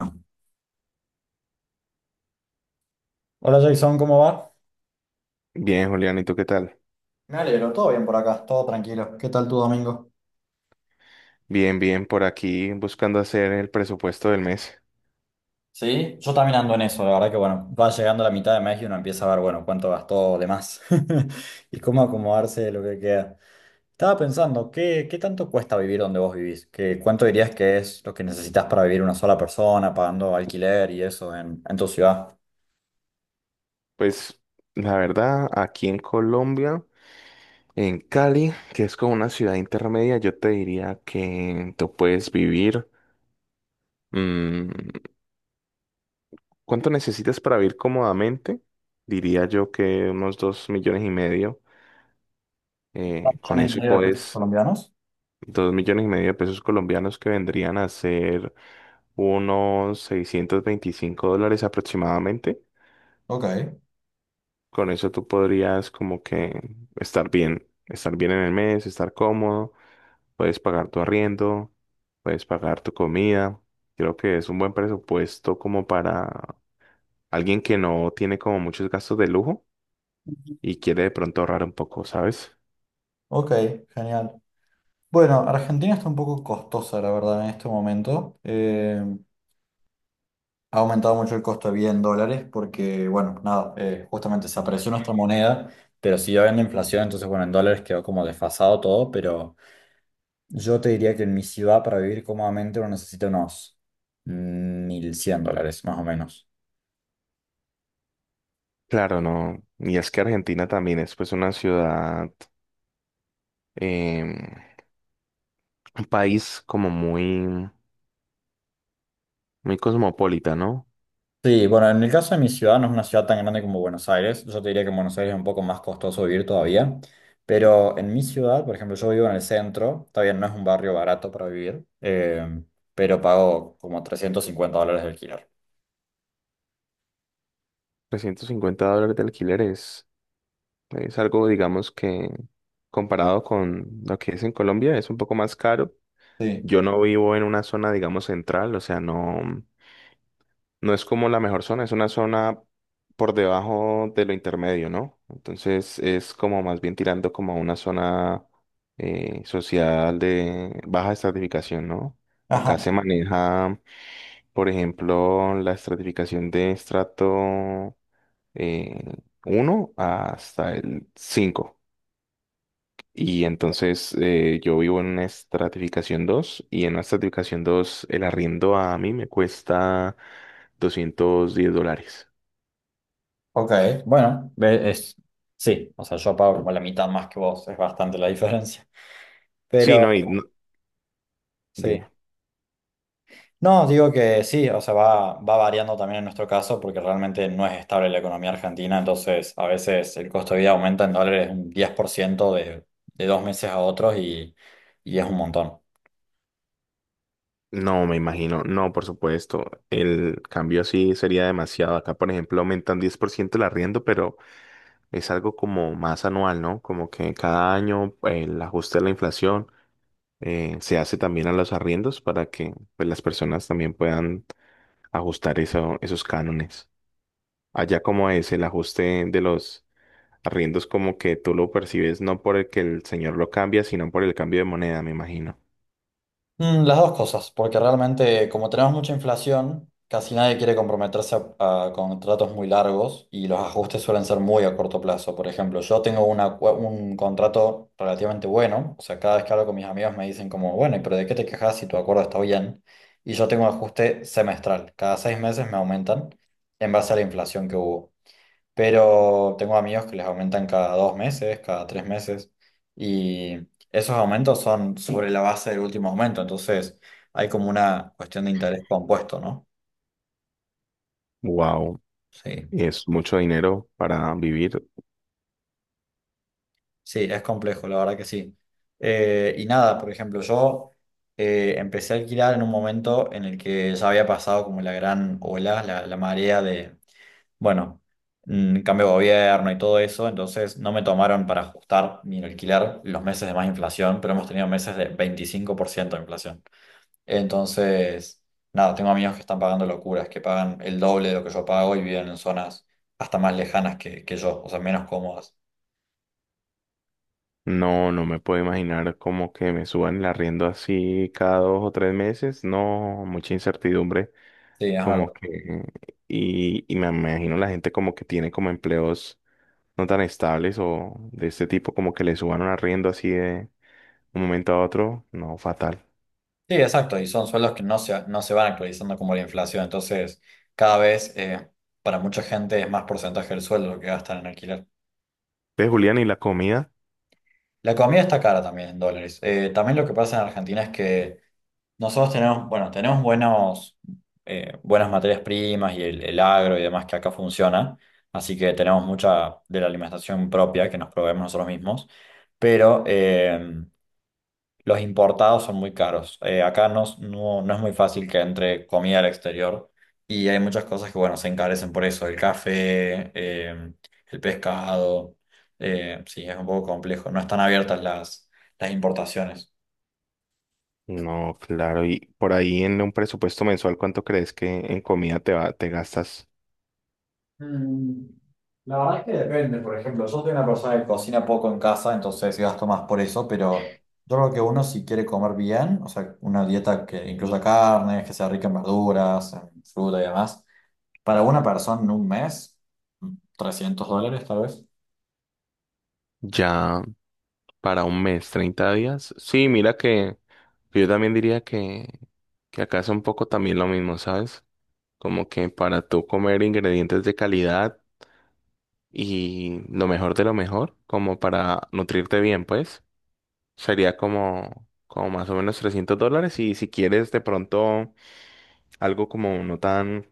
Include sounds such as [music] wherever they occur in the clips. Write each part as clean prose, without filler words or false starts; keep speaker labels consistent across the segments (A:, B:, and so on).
A: Hola Jason, ¿cómo va?
B: Bien, Julián, ¿y tú qué tal?
A: Me alegro, todo bien por acá, todo tranquilo. ¿Qué tal tu domingo?
B: Bien, bien, por aquí buscando hacer el presupuesto del mes.
A: Sí, yo también ando en eso, la verdad que bueno, va llegando la mitad de mes y uno empieza a ver, bueno, cuánto gastó de más [laughs] y cómo acomodarse de lo que queda. Estaba pensando, ¿qué tanto cuesta vivir donde vos vivís? ¿Cuánto dirías que es lo que necesitas para vivir una sola persona, pagando alquiler y eso en tu ciudad?
B: Pues la verdad, aquí en Colombia, en Cali, que es como una ciudad intermedia, yo te diría que tú puedes vivir. mm, ¿Cuánto necesitas para vivir cómodamente? Diría yo que unos 2,5 millones.
A: ¿Dos
B: Con
A: millones y
B: eso
A: medio de pesos
B: puedes,
A: colombianos?
B: 2,5 millones de pesos colombianos que vendrían a ser unos $625 aproximadamente.
A: Ok.
B: Con eso tú podrías como que estar bien en el mes, estar cómodo, puedes pagar tu arriendo, puedes pagar tu comida. Creo que es un buen presupuesto como para alguien que no tiene como muchos gastos de lujo y quiere de pronto ahorrar un poco, ¿sabes?
A: Ok, genial. Bueno, Argentina está un poco costosa, la verdad, en este momento. Ha aumentado mucho el costo de vida en dólares porque, bueno, nada, justamente se apreció nuestra moneda, pero siguió habiendo inflación, entonces, bueno, en dólares quedó como desfasado todo, pero yo te diría que en mi ciudad para vivir cómodamente uno necesita unos $1.100, más o menos.
B: Claro, no. Y es que Argentina también es pues una ciudad, em, un país como muy, muy cosmopolita, ¿no?
A: Sí, bueno, en el caso de mi ciudad no es una ciudad tan grande como Buenos Aires. Yo te diría que en Buenos Aires es un poco más costoso vivir todavía. Pero en mi ciudad, por ejemplo, yo vivo en el centro. Está bien, no es un barrio barato para vivir, pero pago como $350 de alquiler.
B: $350 de alquileres. Es algo, digamos, que comparado con lo que es en Colombia, es un poco más caro.
A: Sí.
B: Yo no vivo en una zona, digamos, central, o sea, no, no es como la mejor zona, es una zona por debajo de lo intermedio, ¿no? Entonces es como más bien tirando como a una zona social de baja estratificación, ¿no?
A: Ajá.
B: Acá se maneja, por ejemplo, la estratificación de estrato eh, 1 hasta el cinco. Y entonces yo vivo en una estratificación 2 y en la estratificación 2 el arriendo a mí me cuesta $210.
A: Ok, bueno, es, sí, o sea, yo pago como la mitad más que vos, es bastante la diferencia.
B: Sí,
A: Pero
B: no,
A: sí.
B: dime.
A: No, digo que sí, o sea, va variando también en nuestro caso porque realmente no es estable la economía argentina, entonces a veces el costo de vida aumenta en dólares un 10% de dos meses a otros y es un montón.
B: No, me imagino. No, por supuesto. El cambio así sería demasiado. Acá, por ejemplo, aumentan 10% el arriendo, pero es algo como más anual, ¿no? Como que cada año el ajuste de la inflación se hace también a los arriendos para que pues, las personas también puedan ajustar esos cánones. Allá como es el ajuste de los arriendos, como que tú lo percibes no por el que el señor lo cambia, sino por el cambio de moneda, me imagino.
A: Las dos cosas, porque realmente como tenemos mucha inflación, casi nadie quiere comprometerse a contratos muy largos y los ajustes suelen ser muy a corto plazo. Por ejemplo, yo tengo un contrato relativamente bueno, o sea, cada vez que hablo con mis amigos me dicen como, bueno, pero ¿de qué te quejas si tu acuerdo está bien? Y yo tengo un ajuste semestral, cada 6 meses me aumentan en base a la inflación que hubo, pero tengo amigos que les aumentan cada 2 meses, cada 3 meses, y esos aumentos son sobre la base del último aumento, entonces hay como una cuestión de interés compuesto, ¿no?
B: Wow,
A: Sí,
B: es mucho dinero para vivir.
A: sí, es complejo, la verdad que sí. Y nada, por ejemplo, yo empecé a alquilar en un momento en el que ya había pasado como la gran ola, la marea de bueno, cambio de gobierno y todo eso, entonces no me tomaron para ajustar mi alquiler los meses de más inflación, pero hemos tenido meses de 25% de inflación. Entonces, nada, tengo amigos que están pagando locuras, que pagan el doble de lo que yo pago y viven en zonas hasta más lejanas que yo, o sea, menos cómodas.
B: No, no me puedo imaginar como que me suban el arriendo así cada 2 o 3 meses. No, mucha incertidumbre.
A: Sí, es una
B: Como
A: locura.
B: que, y me imagino la gente como que tiene como empleos no tan estables o de este tipo, como que le suban un arriendo así de un momento a otro. No, fatal.
A: Sí, exacto, y son sueldos que no se van actualizando como la inflación, entonces cada vez para mucha gente es más porcentaje del sueldo lo que gastan en alquiler.
B: Ve, Julián, ¿y la comida?
A: La comida está cara también en dólares. También lo que pasa en Argentina es que nosotros tenemos, bueno, tenemos buenas materias primas y el agro y demás que acá funciona. Así que tenemos mucha de la alimentación propia que nos proveemos nosotros mismos. Pero los importados son muy caros. Acá no es muy fácil que entre comida al exterior y hay muchas cosas que, bueno, se encarecen por eso. El café, el pescado. Sí, es un poco complejo. No están abiertas las importaciones.
B: No, claro, y por ahí en un presupuesto mensual, ¿cuánto crees que en comida te va, te gastas
A: Mm, La verdad es que depende, por ejemplo, yo soy una persona que cocina poco en casa, entonces sí gasto más por eso, pero yo creo que uno si quiere comer bien, o sea, una dieta que incluya carnes, que sea rica en verduras, en fruta y demás. Para una persona en un mes, $300 tal vez.
B: ya para un mes, 30 días? Sí, mira que yo también diría que acá es un poco también lo mismo, ¿sabes? Como que para tú comer ingredientes de calidad y lo mejor de lo mejor, como para nutrirte bien, pues, sería como, más o menos $300 y si quieres de pronto algo como no tan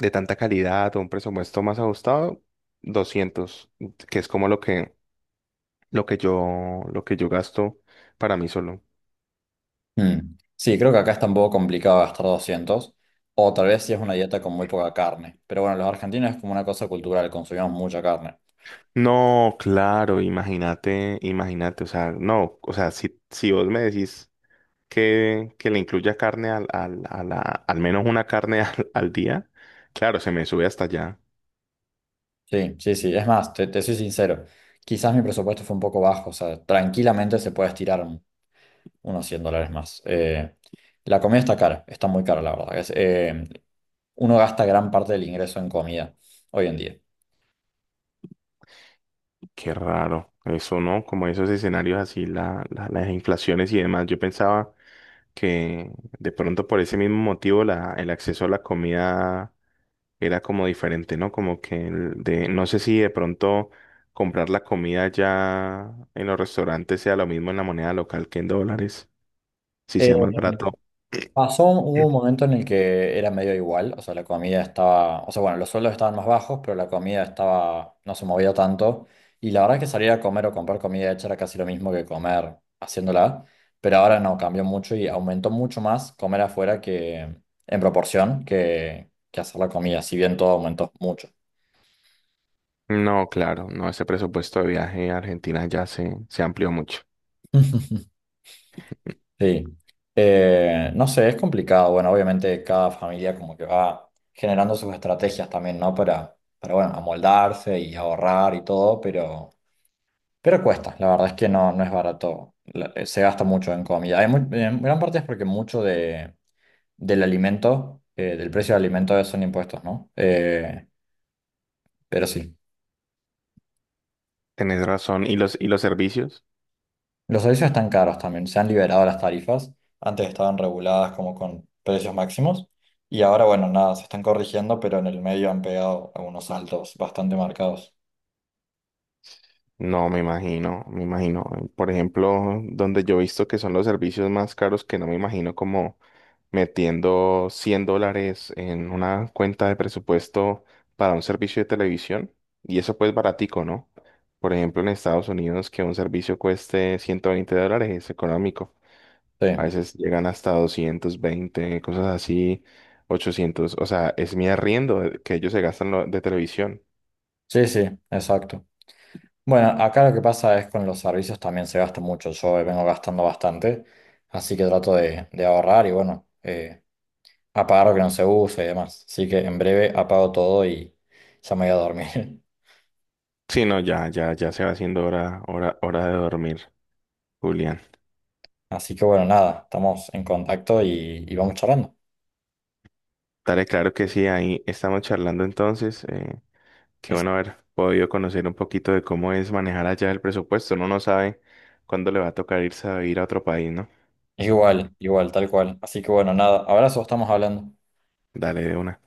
B: de tanta calidad o un presupuesto más ajustado, 200 que es como lo que yo gasto para mí solo.
A: Mm. Sí, creo que acá está un poco complicado gastar 200 o tal vez si es una dieta con muy poca carne. Pero bueno, los argentinos es como una cosa cultural, consumimos mucha carne.
B: No, claro, imagínate, imagínate, o sea, no, o sea, si vos me decís que le incluya carne al menos una carne [laughs] al día, claro, se me sube hasta allá.
A: Sí, sí, sí, es más, te soy sincero, quizás mi presupuesto fue un poco bajo, o sea, tranquilamente se puede estirar unos $100 más. La comida está cara, está muy cara, la verdad. Uno gasta gran parte del ingreso en comida hoy en día.
B: Qué raro, eso, ¿no? Como esos escenarios así, las inflaciones y demás. Yo pensaba que de pronto por ese mismo motivo el acceso a la comida era como diferente, ¿no? Como que el de, no sé si de pronto comprar la comida ya en los restaurantes sea lo mismo en la moneda local que en dólares, si
A: Eh,
B: sea más barato.
A: Pasó, hubo un momento en el que era medio igual, o sea, la comida estaba, o sea, bueno, los sueldos estaban más bajos, pero la comida estaba, no se movía tanto. Y la verdad es que salir a comer o comprar comida hecha era casi lo mismo que comer haciéndola, pero ahora no, cambió mucho y aumentó mucho más comer afuera que en proporción que hacer la comida, si bien todo aumentó mucho.
B: No, claro, no, ese presupuesto de viaje a Argentina ya se amplió mucho.
A: [laughs] Sí, no sé, es complicado. Bueno, obviamente cada familia como que va generando sus estrategias también, ¿no? Para bueno, amoldarse y ahorrar y todo, pero, cuesta. La verdad es que no, no es barato. Se gasta mucho en comida. Hay en gran parte es porque mucho del alimento, del precio del alimento son impuestos, ¿no? Pero sí.
B: Tenés razón. ¿Y los servicios?
A: Los servicios están caros también, se han liberado las tarifas, antes estaban reguladas como con precios máximos y ahora, bueno, nada, se están corrigiendo, pero en el medio han pegado algunos saltos bastante marcados.
B: No, me imagino, me imagino. Por ejemplo, donde yo he visto que son los servicios más caros, que no me imagino como metiendo $100 en una cuenta de presupuesto para un servicio de televisión. Y eso pues baratico, ¿no? Por ejemplo, en Estados Unidos, que un servicio cueste $120 es económico. A
A: Sí,
B: veces llegan hasta 220, cosas así, 800, o sea, es mi arriendo que ellos se gastan de televisión.
A: sí, sí, exacto. Bueno, acá lo que pasa es con los servicios también se gasta mucho, yo vengo gastando bastante, así que trato de ahorrar y bueno, apagar lo que no se use y demás. Así que en breve apago todo y ya me voy a dormir. [laughs]
B: Sí, no, ya, ya, ya se va haciendo hora, hora, hora de dormir. Julián.
A: Así que bueno, nada, estamos en contacto y vamos charlando.
B: Dale, claro que sí, ahí estamos charlando entonces. Qué bueno haber podido conocer un poquito de cómo es manejar allá el presupuesto. Uno no sabe cuándo le va a tocar irse a vivir a otro país, ¿no?
A: Igual, igual, tal cual. Así que bueno, nada, abrazo, estamos hablando.
B: Dale de una.